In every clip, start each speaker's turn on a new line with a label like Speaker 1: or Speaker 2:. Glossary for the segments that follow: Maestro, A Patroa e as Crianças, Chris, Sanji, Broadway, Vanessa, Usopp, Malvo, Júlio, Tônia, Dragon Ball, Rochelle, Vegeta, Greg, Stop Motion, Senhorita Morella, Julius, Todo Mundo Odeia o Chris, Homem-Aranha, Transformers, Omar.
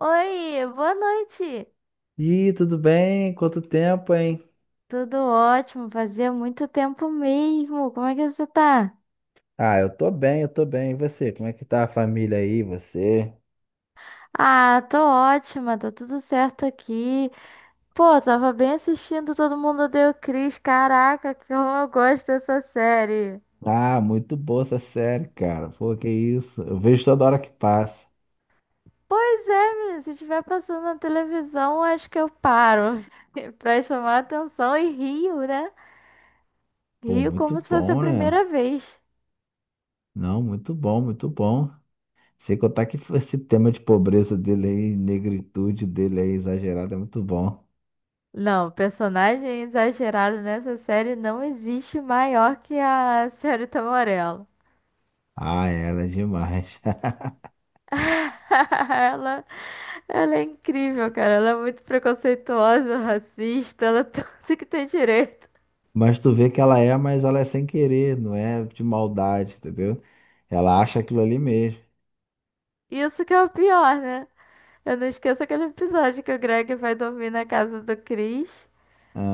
Speaker 1: Oi, boa noite.
Speaker 2: Ih, tudo bem? Quanto tempo, hein?
Speaker 1: Tudo ótimo, fazia muito tempo mesmo. Como é que você tá?
Speaker 2: Ah, eu tô bem, eu tô bem. E você? Como é que tá a família aí, você?
Speaker 1: Ah, tô ótima, tá tudo certo aqui. Pô, tava bem assistindo Todo Mundo Odeia o Chris. Caraca, que eu gosto dessa série.
Speaker 2: Ah, muito boa essa série, cara. Pô, que isso? Eu vejo toda hora que passa.
Speaker 1: Pois é, menino, se estiver passando na televisão, acho que eu paro pra chamar atenção e rio, né?
Speaker 2: Pô,
Speaker 1: Rio
Speaker 2: muito
Speaker 1: como se fosse a
Speaker 2: bom, né?
Speaker 1: primeira vez.
Speaker 2: Não, muito bom, muito bom. Sem contar que esse tema de pobreza dele aí, negritude dele aí, exagerada, é muito bom.
Speaker 1: Não, personagem exagerado nessa série não existe maior que a Senhorita Morella.
Speaker 2: Ah, ela é né? Demais.
Speaker 1: Ela, ela é incrível, cara. Ela é muito preconceituosa, racista, ela é tudo que tem direito.
Speaker 2: Mas tu vê que ela é, mas ela é sem querer, não é de maldade, entendeu? Ela acha aquilo ali mesmo.
Speaker 1: Isso que é o pior, né? Eu não esqueço aquele episódio que o Greg vai dormir na casa do Chris.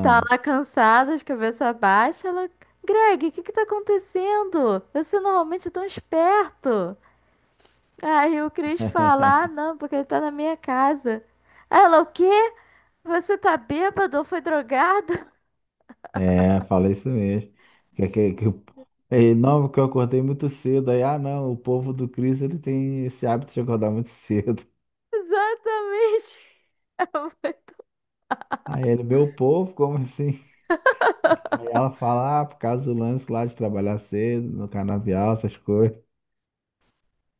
Speaker 1: Tá lá cansado, de cabeça baixa. Ela, Greg, o que que tá acontecendo? Você normalmente é tão esperto. Aí o Chris fala, ah, não, porque ele tá na minha casa. Ela, o quê? Você tá bêbado ou foi drogado?
Speaker 2: É, fala isso mesmo. Que, que, que, o- É, não, porque eu acordei muito cedo. Aí, ah, não, o povo do Cristo ele tem esse hábito de acordar muito cedo.
Speaker 1: Exatamente. Ela foi tão-
Speaker 2: Aí ele, meu povo, como assim? Aí ela fala, ah, por causa do lance lá de trabalhar cedo, no canavial, essas coisas.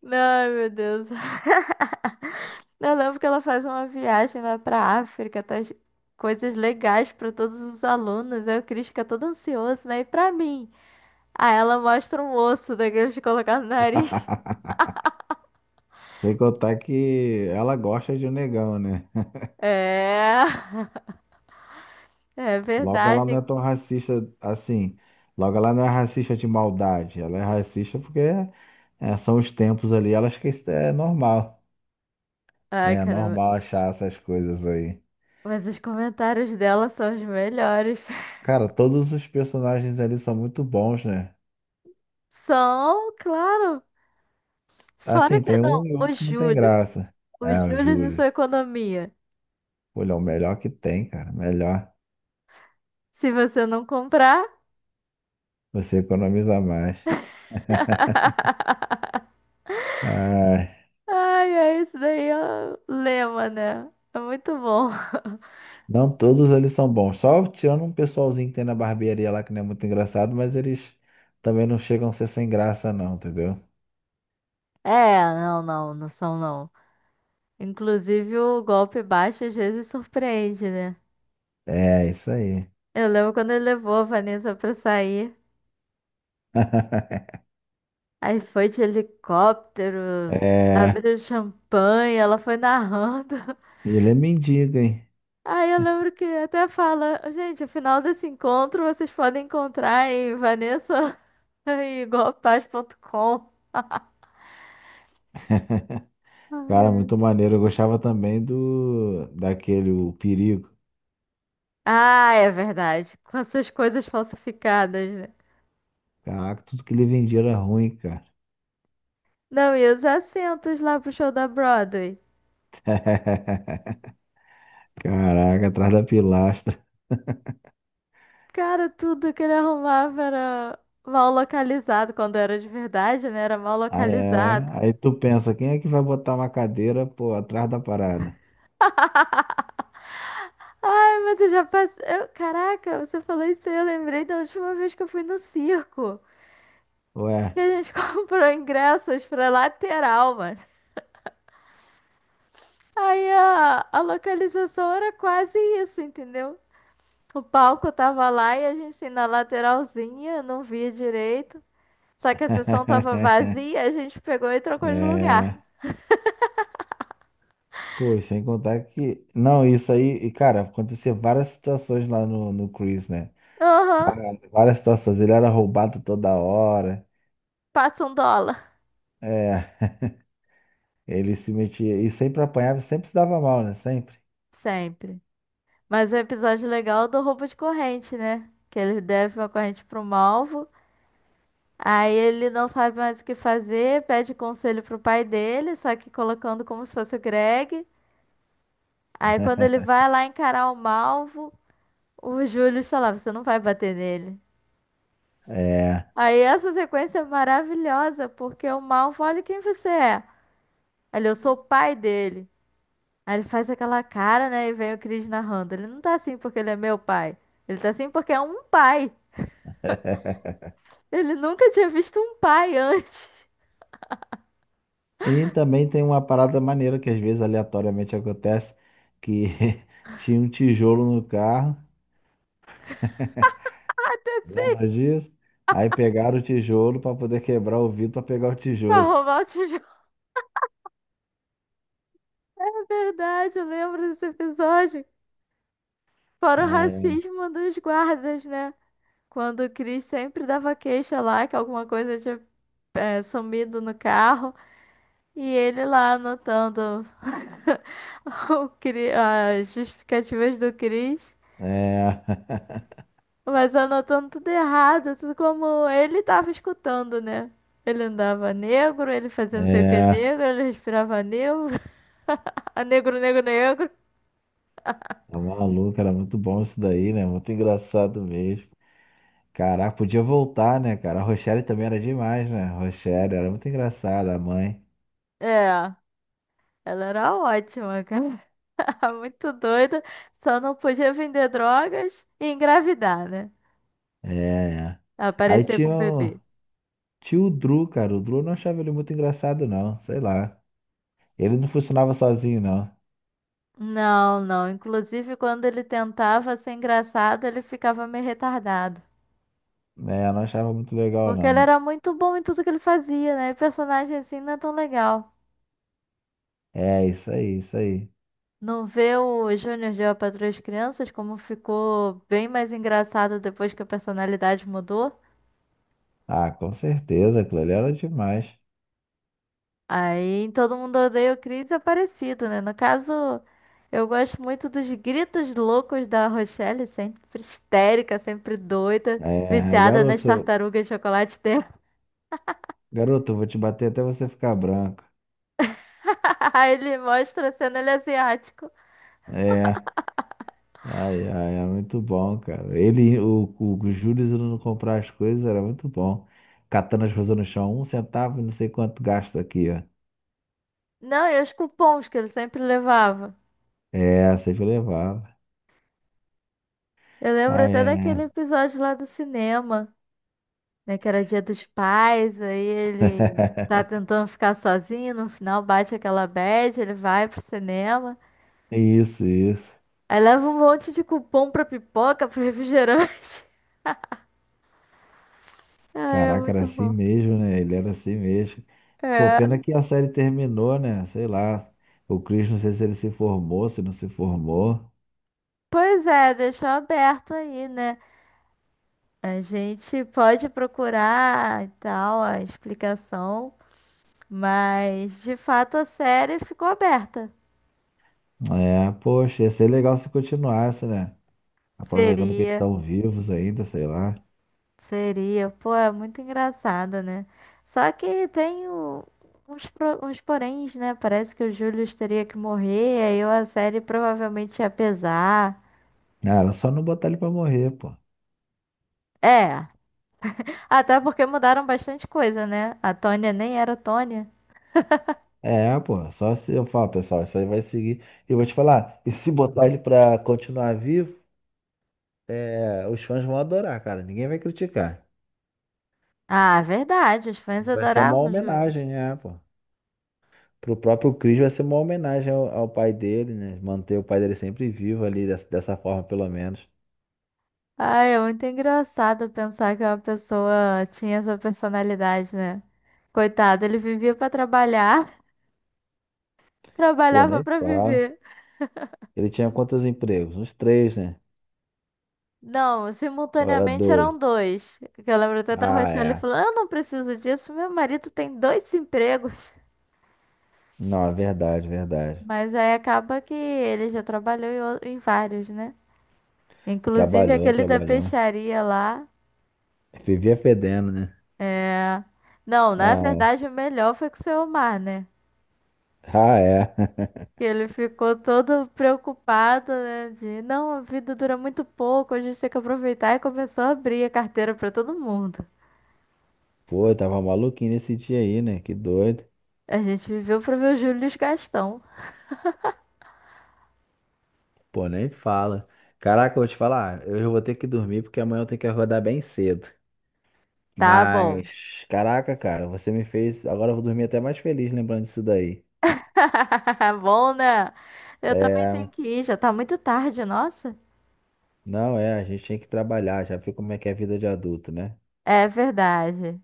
Speaker 1: Não, ai, meu Deus. Eu lembro que ela faz uma viagem lá pra África, traz coisas legais pra todos os alunos. Aí o Chris fica todo ansioso, né? E pra mim? Aí ela mostra um osso daqueles de colocar no nariz.
Speaker 2: Sem contar que ela gosta de um negão, né?
Speaker 1: É, é
Speaker 2: Logo ela não
Speaker 1: verdade.
Speaker 2: é tão racista assim. Logo ela não é racista de maldade. Ela é racista porque é, são os tempos ali, ela acha que isso é normal.
Speaker 1: Ai,
Speaker 2: Né? É
Speaker 1: caramba.
Speaker 2: normal achar essas coisas aí.
Speaker 1: Mas os comentários dela são os melhores.
Speaker 2: Cara, todos os personagens ali são muito bons, né?
Speaker 1: São, claro. Fora
Speaker 2: Assim,
Speaker 1: que
Speaker 2: tem um
Speaker 1: não,
Speaker 2: e
Speaker 1: os
Speaker 2: outro que não tem
Speaker 1: juros.
Speaker 2: graça. É,
Speaker 1: Os
Speaker 2: o
Speaker 1: juros e
Speaker 2: Júlio.
Speaker 1: sua economia.
Speaker 2: Olha, é o melhor que tem, cara. Melhor.
Speaker 1: Se você não comprar.
Speaker 2: Você economiza mais. Ai.
Speaker 1: Ai, ai, isso daí é o lema, né? É muito bom.
Speaker 2: Não, todos eles são bons. Só tirando um pessoalzinho que tem na barbearia lá que não é muito engraçado, mas eles também não chegam a ser sem graça, não, entendeu?
Speaker 1: É, não, são não. Inclusive o golpe baixo às vezes surpreende, né?
Speaker 2: É, isso aí.
Speaker 1: Eu lembro quando ele levou a Vanessa pra sair. Aí foi de helicóptero,
Speaker 2: É.
Speaker 1: abriu champanhe, ela foi narrando.
Speaker 2: E ele é mendigo, hein?
Speaker 1: Aí eu lembro que até fala, gente, afinal desse encontro vocês podem encontrar em vanessa e golpaz.com.
Speaker 2: Cara,
Speaker 1: Ai.
Speaker 2: muito maneiro. Eu gostava também do daquele, o Perigo.
Speaker 1: Ah, é verdade. Com essas coisas falsificadas, né?
Speaker 2: Caraca, tudo que ele vendia era ruim, cara.
Speaker 1: Não, e os assentos lá pro show da Broadway?
Speaker 2: Caraca, atrás da pilastra.
Speaker 1: Cara, tudo que ele arrumava era mal localizado. Quando era de verdade, né? Era mal
Speaker 2: Aí, é.
Speaker 1: localizado.
Speaker 2: Aí tu pensa, quem é que vai botar uma cadeira, pô, atrás da parada?
Speaker 1: Ai, mas eu já passei. Caraca, você falou isso aí. Eu lembrei da última vez que eu fui no circo, que
Speaker 2: Ué.
Speaker 1: a gente comprou ingressos pra lateral, mano. Aí a localização era quase isso, entendeu? O palco tava lá e a gente assim, na lateralzinha, não via direito. Só que a sessão tava vazia, a gente pegou e trocou de lugar.
Speaker 2: É. Pô, e sem contar que. Não, isso aí, e, cara, aconteceu várias situações lá no Chris, né?
Speaker 1: Aham,
Speaker 2: Várias várias situações. Ele era roubado toda hora.
Speaker 1: passa um dólar.
Speaker 2: É. Ele se metia e sempre apanhava, e sempre se dava mal, né? Sempre.
Speaker 1: Sempre. Mas o episódio legal é do roubo de corrente, né? Que ele deve uma corrente para um alvo. Aí ele não sabe mais o que fazer, pede conselho pro pai dele, só que colocando como se fosse o Greg. Aí quando ele vai lá encarar o Malvo, o Júlio está você não vai bater nele.
Speaker 2: É.
Speaker 1: Aí essa sequência é maravilhosa, porque o Malvo, olha quem você é. Ele, eu sou o pai dele. Aí ele faz aquela cara, né, e vem o Chris narrando. Ele não tá assim porque ele é meu pai. Ele tá assim porque é um pai. Ele nunca tinha visto um pai antes.
Speaker 2: E também tem uma parada maneira que às vezes aleatoriamente acontece, que tinha um tijolo no carro. Lembra disso? Aí pegaram o tijolo para poder quebrar o vidro para pegar o
Speaker 1: Pra
Speaker 2: tijolo.
Speaker 1: roubar o tijolo. É verdade, eu lembro desse episódio. Fora o
Speaker 2: Ah,
Speaker 1: racismo dos guardas, né? Quando o Chris sempre dava queixa lá que alguma coisa tinha sumido no carro e ele lá anotando as justificativas do Chris,
Speaker 2: é. É.
Speaker 1: mas anotando tudo errado, tudo como ele tava escutando, né? Ele andava negro, ele fazia não sei o que
Speaker 2: É.
Speaker 1: negro, ele respirava negro, a negro, negro, negro.
Speaker 2: Tá maluco, era muito bom isso daí, né? Muito engraçado mesmo. Caraca, podia voltar, né, cara? A Rochelle também era demais, né? A Rochelle era muito engraçada, a mãe.
Speaker 1: É, ela era ótima, cara. Muito doida, só não podia vender drogas e engravidar, né?
Speaker 2: É. Aí
Speaker 1: Aparecer com
Speaker 2: tinha,
Speaker 1: um
Speaker 2: o-
Speaker 1: bebê.
Speaker 2: Tinha o Drew, cara. O Drew eu não achava ele muito engraçado, não. Sei lá. Ele não funcionava sozinho, não.
Speaker 1: Não. Inclusive, quando ele tentava ser engraçado, ele ficava meio retardado.
Speaker 2: É, eu não achava muito legal,
Speaker 1: Porque ele
Speaker 2: não.
Speaker 1: era muito bom em tudo que ele fazia, né? E personagem assim não é tão legal.
Speaker 2: É, isso aí, isso aí.
Speaker 1: Não vê o Júnior de A Patroa e as Crianças como ficou bem mais engraçado depois que a personalidade mudou.
Speaker 2: Ah, com certeza, aquilo ali era demais.
Speaker 1: Aí em todo mundo odeia o Chris é parecido, né? No caso, eu gosto muito dos gritos loucos da Rochelle, sempre histérica, sempre doida,
Speaker 2: É,
Speaker 1: viciada nas
Speaker 2: garoto,
Speaker 1: tartarugas de chocolate.
Speaker 2: garoto, eu vou te bater até você ficar branco.
Speaker 1: Ele mostra sendo ele é asiático.
Speaker 2: É, ai, ai, é muito bom, cara. Ele, o Júlio indo comprar as coisas era muito bom. Catando as coisas no chão, um centavo, não sei quanto gasta aqui, ó.
Speaker 1: Não, e os cupons que ele sempre levava.
Speaker 2: É, sempre levava.
Speaker 1: Eu lembro
Speaker 2: Ai,
Speaker 1: até
Speaker 2: ai,
Speaker 1: daquele episódio lá do cinema, né? Que era Dia dos Pais, aí ele tá
Speaker 2: ai.
Speaker 1: tentando ficar sozinho, no final bate aquela bad, ele vai pro cinema.
Speaker 2: Isso, isso.
Speaker 1: Aí leva um monte de cupom pra pipoca, pro refrigerante. Ah, é
Speaker 2: Caraca, era
Speaker 1: muito
Speaker 2: assim
Speaker 1: bom.
Speaker 2: mesmo, né? Ele era assim mesmo. Pô,
Speaker 1: É.
Speaker 2: pena que a série terminou, né? Sei lá. O Chris, não sei se ele se formou, se não se formou.
Speaker 1: Pois é, deixou aberto aí, né? A gente pode procurar e tal a explicação. Mas, de fato, a série ficou aberta.
Speaker 2: É, poxa, ia ser legal se continuasse, né? Aproveitando que eles
Speaker 1: Seria,
Speaker 2: estão vivos ainda, sei lá.
Speaker 1: seria. Pô, é muito engraçado, né? Só que uns poréns, né? Parece que o Julius teria que morrer, aí a série provavelmente ia pesar.
Speaker 2: Cara, só não botar ele pra morrer, pô.
Speaker 1: É, até porque mudaram bastante coisa, né? A Tônia nem era Tônia.
Speaker 2: É, pô, só se eu falar, pessoal, isso aí vai seguir. E vou te falar, e se botar ele pra continuar vivo, é, os fãs vão adorar, cara. Ninguém vai criticar.
Speaker 1: Ah, verdade, os fãs
Speaker 2: Vai ser uma
Speaker 1: adoravam o Julius.
Speaker 2: homenagem, é, pô. Pro próprio Chris vai ser uma homenagem ao, ao pai dele, né? Manter o pai dele sempre vivo ali, dessa, dessa forma, pelo menos.
Speaker 1: Ai, é muito engraçado pensar que uma pessoa tinha essa personalidade, né? Coitado, ele vivia pra trabalhar,
Speaker 2: Pô,
Speaker 1: trabalhava
Speaker 2: nem
Speaker 1: pra
Speaker 2: fala.
Speaker 1: viver.
Speaker 2: Ele tinha quantos empregos? Uns três, né?
Speaker 1: Não,
Speaker 2: Agora
Speaker 1: simultaneamente
Speaker 2: dois.
Speaker 1: eram dois. Que eu lembro até da
Speaker 2: Ah,
Speaker 1: Rochelle
Speaker 2: é.
Speaker 1: falando: eu não preciso disso, meu marido tem dois empregos.
Speaker 2: Não, é verdade, verdade.
Speaker 1: Mas aí acaba que ele já trabalhou em vários, né? Inclusive
Speaker 2: Trabalhou,
Speaker 1: aquele da
Speaker 2: trabalhou.
Speaker 1: peixaria lá.
Speaker 2: Vivia fedendo, né?
Speaker 1: Não, na
Speaker 2: Ah,
Speaker 1: verdade o melhor foi com o seu Omar, né?
Speaker 2: ah, é.
Speaker 1: Que ele ficou todo preocupado, né? De não, a vida dura muito pouco, a gente tem que aproveitar e começou a abrir a carteira pra todo mundo.
Speaker 2: Pô, eu tava maluquinho nesse dia aí, né? Que doido.
Speaker 1: A gente viveu pra ver o Júlio Gastão.
Speaker 2: Pô, nem fala. Caraca, eu vou te falar, eu já vou ter que dormir porque amanhã eu tenho que acordar bem cedo.
Speaker 1: Tá bom.
Speaker 2: Mas, caraca, cara, você me fez. Agora eu vou dormir até mais feliz lembrando disso daí.
Speaker 1: Bom, né? Eu também
Speaker 2: É,
Speaker 1: tenho que ir, já tá muito tarde, nossa.
Speaker 2: não é, a gente tem que trabalhar, já viu como é que é a vida de adulto, né?
Speaker 1: É verdade.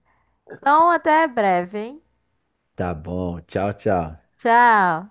Speaker 1: Então, até breve, hein?
Speaker 2: Tá bom, tchau, tchau.
Speaker 1: Tchau.